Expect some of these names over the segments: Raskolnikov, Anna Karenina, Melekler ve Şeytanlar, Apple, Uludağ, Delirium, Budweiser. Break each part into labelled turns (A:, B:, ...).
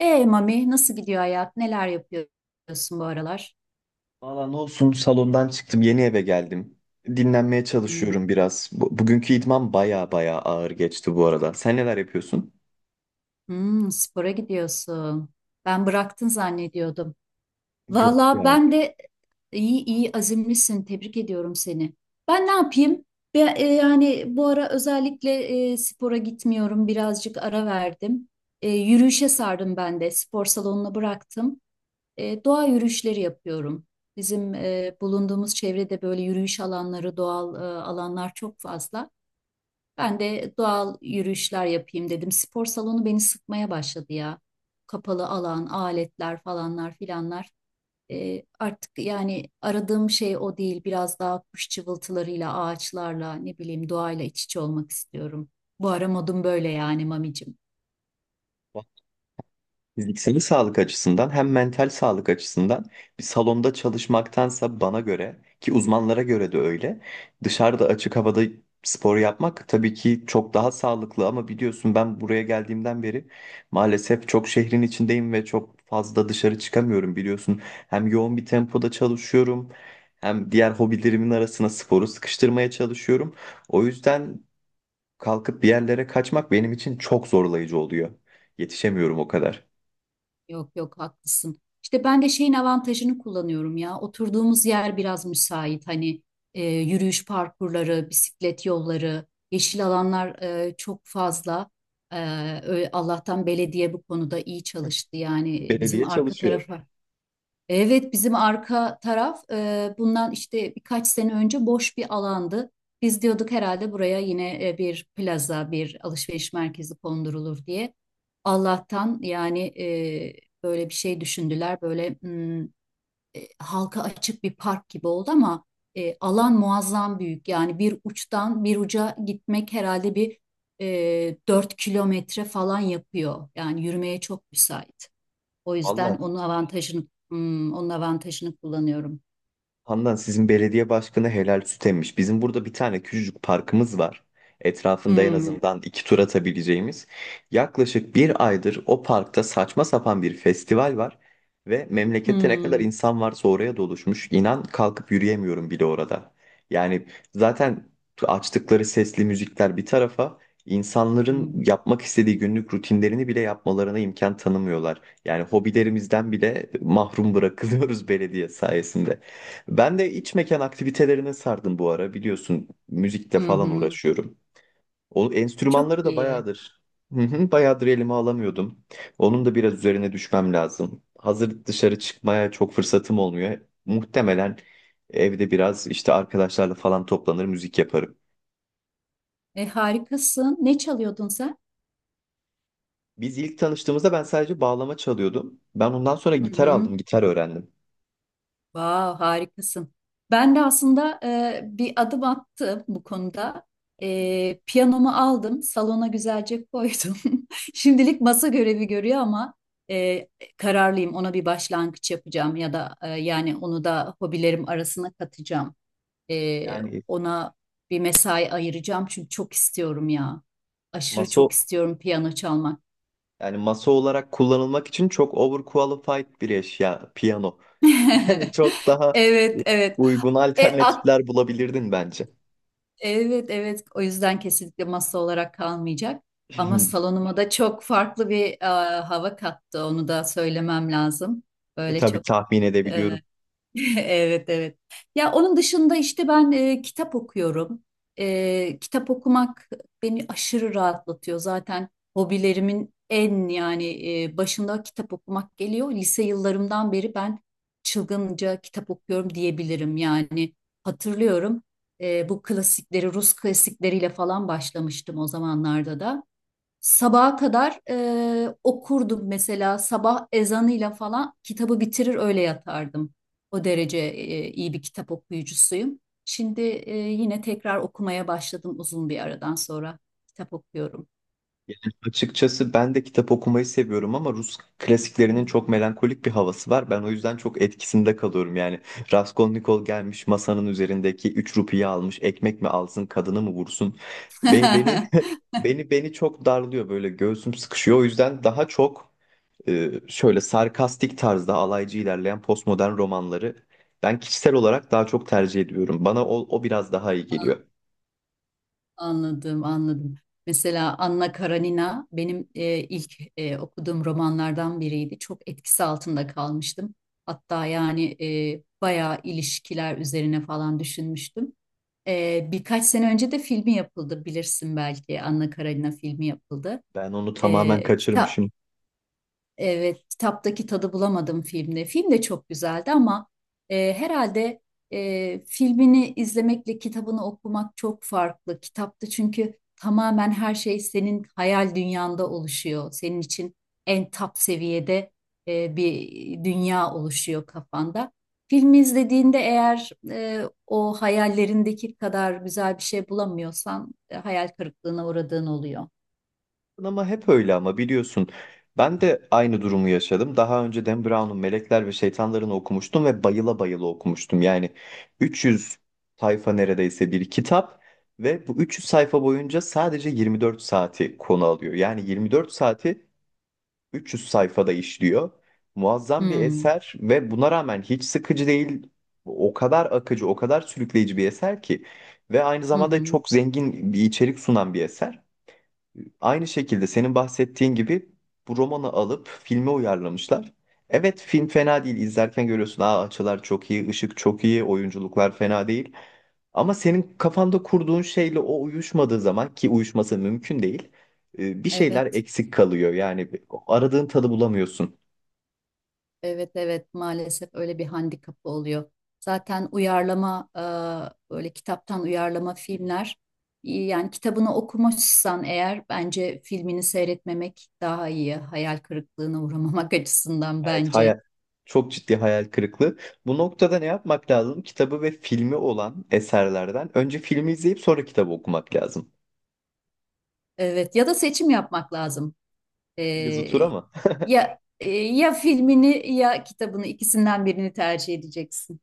A: Mami nasıl gidiyor hayat? Neler yapıyorsun bu aralar?
B: Valla ne olsun, salondan çıktım, yeni eve geldim. Dinlenmeye
A: Hmm,
B: çalışıyorum biraz. Bugünkü idman baya ağır geçti bu arada. Sen neler yapıyorsun?
A: hmm, spora gidiyorsun. Ben bıraktın zannediyordum.
B: Yok
A: Valla
B: ya.
A: ben de iyi, azimlisin. Tebrik ediyorum seni. Ben ne yapayım? Yani bu ara özellikle spora gitmiyorum. Birazcık ara verdim. Yürüyüşe sardım ben de. Spor salonuna bıraktım. Doğa yürüyüşleri yapıyorum. Bizim bulunduğumuz çevrede böyle yürüyüş alanları, doğal alanlar çok fazla. Ben de doğal yürüyüşler yapayım dedim. Spor salonu beni sıkmaya başladı ya. Kapalı alan, aletler falanlar filanlar. Artık yani aradığım şey o değil. Biraz daha kuş cıvıltılarıyla, ağaçlarla, ne bileyim doğayla iç içe olmak istiyorum. Bu ara modum böyle yani mamicim.
B: Fiziksel sağlık açısından hem mental sağlık açısından bir salonda çalışmaktansa, bana göre ki uzmanlara göre de öyle, dışarıda açık havada spor yapmak tabii ki çok daha sağlıklı, ama biliyorsun ben buraya geldiğimden beri maalesef çok şehrin içindeyim ve çok fazla dışarı çıkamıyorum biliyorsun. Hem yoğun bir tempoda çalışıyorum, hem diğer hobilerimin arasına sporu sıkıştırmaya çalışıyorum. O yüzden kalkıp bir yerlere kaçmak benim için çok zorlayıcı oluyor. Yetişemiyorum o kadar.
A: Yok yok, haklısın. İşte ben de şeyin avantajını kullanıyorum ya. Oturduğumuz yer biraz müsait. Hani yürüyüş parkurları, bisiklet yolları, yeşil alanlar çok fazla. E, Allah'tan belediye bu konuda iyi çalıştı. Yani bizim
B: Belediye
A: arka
B: çalışıyor.
A: tarafa. Evet, bizim arka taraf bundan işte birkaç sene önce boş bir alandı. Biz diyorduk herhalde buraya yine bir plaza, bir alışveriş merkezi kondurulur diye. Allah'tan yani böyle bir şey düşündüler. Böyle halka açık bir park gibi oldu ama alan muazzam büyük. Yani bir uçtan bir uca gitmek herhalde 4 kilometre falan yapıyor. Yani yürümeye çok müsait. O yüzden
B: Valla
A: onun avantajını kullanıyorum.
B: Handan, sizin belediye başkanı helal süt emmiş. Bizim burada bir tane küçücük parkımız var. Etrafında en
A: Hmm,
B: azından iki tur atabileceğimiz. Yaklaşık bir aydır o parkta saçma sapan bir festival var. Ve memlekette ne kadar
A: hmm,
B: insan varsa oraya doluşmuş. İnan kalkıp yürüyemiyorum bile orada. Yani zaten açtıkları sesli müzikler bir tarafa, insanların
A: hmm,
B: yapmak istediği günlük rutinlerini bile yapmalarına imkan tanımıyorlar. Yani hobilerimizden bile mahrum bırakılıyoruz belediye sayesinde. Ben de iç mekan aktivitelerine sardım bu ara. Biliyorsun müzikle
A: hı
B: falan
A: hı.
B: uğraşıyorum. O
A: Çok
B: enstrümanları da
A: iyi.
B: bayağıdır. Hı hı, bayağıdır elime alamıyordum. Onun da biraz üzerine düşmem lazım. Hazır dışarı çıkmaya çok fırsatım olmuyor. Muhtemelen evde biraz işte arkadaşlarla falan toplanır müzik yaparım.
A: Harikasın. Ne çalıyordun sen?
B: Biz ilk tanıştığımızda ben sadece bağlama çalıyordum. Ben ondan sonra
A: Hı
B: gitar
A: hı.
B: aldım, gitar öğrendim.
A: Vav, harikasın. Ben de aslında bir adım attım bu konuda. Piyanomu aldım, salona güzelce koydum. Şimdilik masa görevi görüyor ama e, kararlıyım, ona bir başlangıç yapacağım ya da yani onu da hobilerim arasına katacağım. Ee,
B: Yani
A: Ona bir mesai ayıracağım çünkü çok istiyorum ya. Aşırı
B: masa
A: çok istiyorum piyano çalmak.
B: yani masa olarak kullanılmak için çok overqualified bir eşya piyano. Yani çok daha
A: Evet,
B: u-
A: evet.
B: uygun
A: E, ak-
B: alternatifler bulabilirdin bence.
A: evet, evet. O yüzden kesinlikle masa olarak kalmayacak. Ama salonuma da çok farklı bir hava kattı. Onu da söylemem lazım.
B: E
A: Böyle
B: tabii
A: çok.
B: tahmin edebiliyorum.
A: Evet, evet. Ya onun dışında işte ben kitap okuyorum. Kitap okumak beni aşırı rahatlatıyor. Zaten hobilerimin en yani başında kitap okumak geliyor. Lise yıllarımdan beri ben çılgınca kitap okuyorum diyebilirim. Yani hatırlıyorum, bu klasikleri Rus klasikleriyle falan başlamıştım o zamanlarda da. Sabaha kadar okurdum mesela, sabah ezanıyla falan kitabı bitirir öyle yatardım. O derece iyi bir kitap okuyucusuyum. Şimdi yine tekrar okumaya başladım, uzun bir aradan sonra kitap okuyorum.
B: Yani açıkçası ben de kitap okumayı seviyorum ama Rus klasiklerinin çok melankolik bir havası var. Ben o yüzden çok etkisinde kalıyorum. Yani Raskolnikov gelmiş masanın üzerindeki 3 rupiyi almış. Ekmek mi alsın, kadını mı vursun? Beni beni beni çok darlıyor, böyle göğsüm sıkışıyor. O yüzden daha çok şöyle sarkastik tarzda alaycı ilerleyen postmodern romanları ben kişisel olarak daha çok tercih ediyorum. Bana o biraz daha iyi geliyor.
A: Anladım, anladım. Mesela Anna Karenina benim ilk okuduğum romanlardan biriydi. Çok etkisi altında kalmıştım. Hatta yani bayağı ilişkiler üzerine falan düşünmüştüm. Birkaç sene önce de filmi yapıldı, bilirsin belki, Anna Karenina filmi yapıldı.
B: Ben onu tamamen
A: Ee, kita-
B: kaçırmışım.
A: Evet, kitaptaki tadı bulamadım filmde. Film de çok güzeldi ama herhalde filmini izlemekle kitabını okumak çok farklı. Kitapta çünkü tamamen her şey senin hayal dünyanda oluşuyor. Senin için en top seviyede bir dünya oluşuyor kafanda. Filmi izlediğinde eğer o hayallerindeki kadar güzel bir şey bulamıyorsan hayal kırıklığına uğradığın oluyor.
B: Ama hep öyle ama biliyorsun. Ben de aynı durumu yaşadım. Daha önce Dan Brown'un Melekler ve Şeytanlarını okumuştum ve bayıla bayıla okumuştum. Yani 300 sayfa neredeyse bir kitap ve bu 300 sayfa boyunca sadece 24 saati konu alıyor. Yani 24 saati 300 sayfada işliyor. Muazzam bir
A: Hmm.
B: eser ve buna rağmen hiç sıkıcı değil. O kadar akıcı, o kadar sürükleyici bir eser ki ve aynı
A: Hı
B: zamanda
A: hı.
B: çok zengin bir içerik sunan bir eser. Aynı şekilde senin bahsettiğin gibi bu romanı alıp filme uyarlamışlar. Evet, film fena değil. İzlerken görüyorsun, aa, açılar çok iyi, ışık çok iyi, oyunculuklar fena değil. Ama senin kafanda kurduğun şeyle o uyuşmadığı zaman, ki uyuşması mümkün değil, bir şeyler
A: Evet.
B: eksik kalıyor. Yani aradığın tadı bulamıyorsun.
A: Evet, evet, maalesef öyle bir handikapı oluyor. Zaten uyarlama böyle kitaptan uyarlama filmler iyi. Yani kitabını okumuşsan eğer bence filmini seyretmemek daha iyi. Hayal kırıklığına uğramamak açısından
B: Evet,
A: bence.
B: çok ciddi hayal kırıklığı. Bu noktada ne yapmak lazım? Kitabı ve filmi olan eserlerden önce filmi izleyip sonra kitabı okumak lazım.
A: Evet, ya da seçim yapmak lazım.
B: Yazı tura
A: E,
B: mı?
A: ya ya filmini ya kitabını, ikisinden birini tercih edeceksin.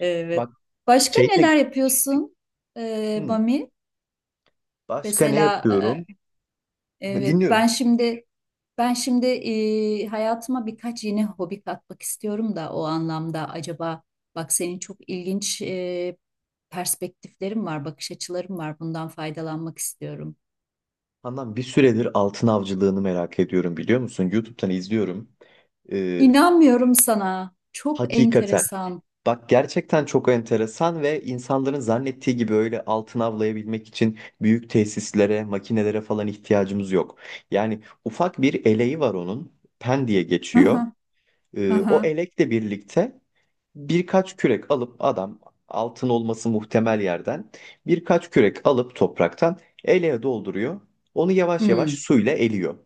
A: Evet.
B: Bak,
A: Başka
B: şey de
A: neler yapıyorsun
B: Hmm,
A: Bami?
B: başka ne
A: Mesela
B: yapıyorum?
A: evet,
B: Dinliyorum.
A: ben şimdi hayatıma birkaç yeni hobi katmak istiyorum da o anlamda acaba, bak, senin çok ilginç perspektiflerin var, bakış açıların var. Bundan faydalanmak istiyorum.
B: Handan, bir süredir altın avcılığını merak ediyorum, biliyor musun? YouTube'dan izliyorum. Ee,
A: İnanmıyorum sana. Çok
B: Hakikaten.
A: enteresan.
B: Bak gerçekten çok enteresan ve insanların zannettiği gibi öyle altın avlayabilmek için büyük tesislere, makinelere falan ihtiyacımız yok. Yani ufak bir eleği var onun. Pen diye
A: Hı
B: geçiyor.
A: hı, hı
B: O
A: hı.
B: elekle birlikte birkaç kürek alıp adam altın olması muhtemel yerden birkaç kürek alıp topraktan eleğe dolduruyor. Onu yavaş yavaş
A: Hmm,
B: suyla eliyor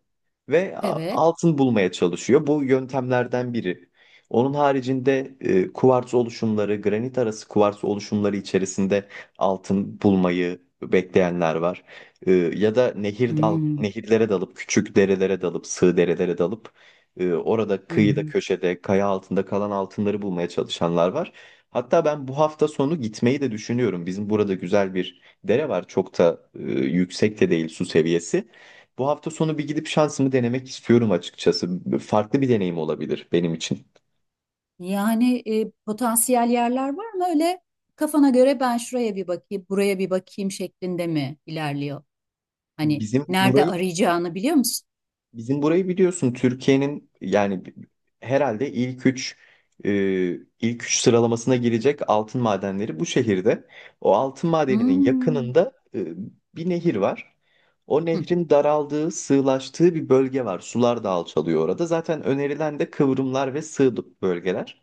B: ve
A: evet.
B: altın bulmaya çalışıyor. Bu yöntemlerden biri. Onun haricinde kuvars oluşumları, granit arası kuvars oluşumları içerisinde altın bulmayı bekleyenler var. E, ya da
A: Hmm,
B: nehirlere dalıp, küçük derelere dalıp, sığ derelere dalıp orada
A: hı
B: kıyıda,
A: hı.
B: köşede, kaya altında kalan altınları bulmaya çalışanlar var. Hatta ben bu hafta sonu gitmeyi de düşünüyorum. Bizim burada güzel bir dere var. Çok da yüksek de değil su seviyesi. Bu hafta sonu bir gidip şansımı denemek istiyorum açıkçası. Farklı bir deneyim olabilir benim için.
A: Yani potansiyel yerler var mı öyle? Kafana göre ben şuraya bir bakayım, buraya bir bakayım şeklinde mi ilerliyor? Hani
B: Bizim
A: nerede
B: burayı
A: arayacağını biliyor musun?
B: Bizim burayı biliyorsun, Türkiye'nin yani herhalde e, ilk üç sıralamasına girecek altın madenleri bu şehirde. O altın madeninin
A: Hmm.
B: yakınında bir nehir var. O
A: Hı
B: nehrin daraldığı, sığlaştığı bir bölge var. Sular da alçalıyor orada. Zaten önerilen de kıvrımlar ve sığ bölgeler.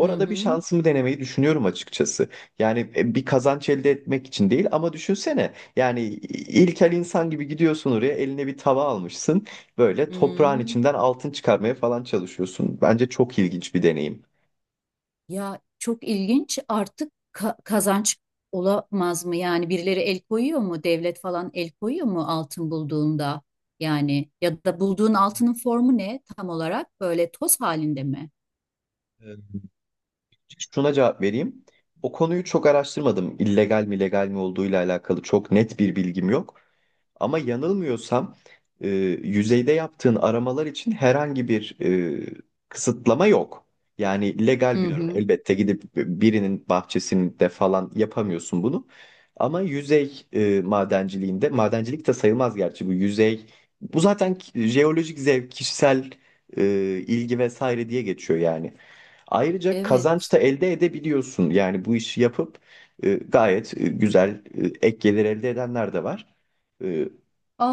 A: hı.
B: bir
A: Hı.
B: şansımı denemeyi düşünüyorum açıkçası. Yani bir kazanç elde etmek için değil ama düşünsene. Yani ilkel insan gibi gidiyorsun oraya, eline bir tava almışsın. Böyle toprağın
A: Hmm.
B: içinden altın çıkarmaya falan çalışıyorsun. Bence çok ilginç bir deneyim.
A: Ya çok ilginç, artık kazanç olamaz mı? Yani birileri el koyuyor mu? Devlet falan el koyuyor mu altın bulduğunda? Yani ya da bulduğun altının formu ne tam olarak? Böyle toz halinde mi?
B: Ee, Şuna cevap vereyim. O konuyu çok araştırmadım. İllegal mi legal mi olduğuyla alakalı çok net bir bilgim yok. Ama yanılmıyorsam e, yüzeyde yaptığın aramalar için herhangi bir kısıtlama yok. Yani legal
A: Hı
B: bir durum.
A: hı.
B: Elbette gidip birinin bahçesinde falan yapamıyorsun bunu. Ama yüzey madenciliğinde, madencilik de sayılmaz gerçi bu yüzey. Bu zaten jeolojik zevk, kişisel e, ilgi vesaire diye geçiyor yani. Ayrıca
A: Evet.
B: kazanç da elde edebiliyorsun. Yani bu işi yapıp gayet güzel ek gelir elde edenler de var.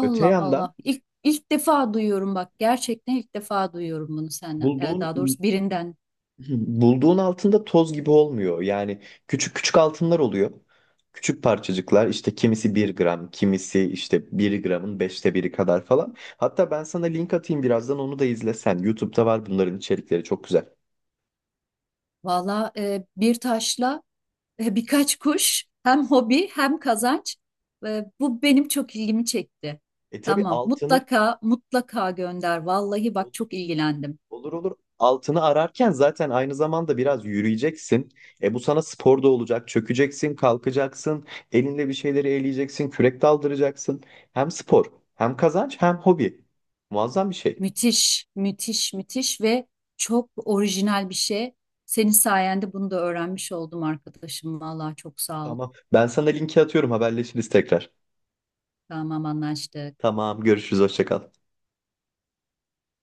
B: Öte yandan
A: Allah. İlk defa duyuyorum bak. Gerçekten ilk defa duyuyorum bunu senden.
B: bulduğun
A: Daha doğrusu birinden.
B: bulduğun altında toz gibi olmuyor. Yani küçük küçük altınlar oluyor. Küçük parçacıklar, işte kimisi bir gram, kimisi işte bir gramın beşte biri kadar falan. Hatta ben sana link atayım birazdan, onu da izlesen. YouTube'da var, bunların içerikleri çok güzel.
A: Valla bir taşla birkaç kuş, hem hobi hem kazanç. Bu benim çok ilgimi çekti.
B: E tabii
A: Tamam,
B: altını.
A: mutlaka mutlaka gönder. Vallahi bak, çok ilgilendim.
B: Olur olur. Altını ararken zaten aynı zamanda biraz yürüyeceksin. E bu sana spor da olacak. Çökeceksin, kalkacaksın, elinle bir şeyleri eleyeceksin, kürek daldıracaksın. Hem spor, hem kazanç, hem hobi. Muazzam bir şey.
A: Müthiş, müthiş, müthiş ve çok orijinal bir şey. Senin sayende bunu da öğrenmiş oldum arkadaşım. Vallahi çok sağ ol.
B: Tamam. Ben sana linki atıyorum, haberleşiriz tekrar.
A: Tamam, anlaştık.
B: Tamam, görüşürüz, hoşça kal.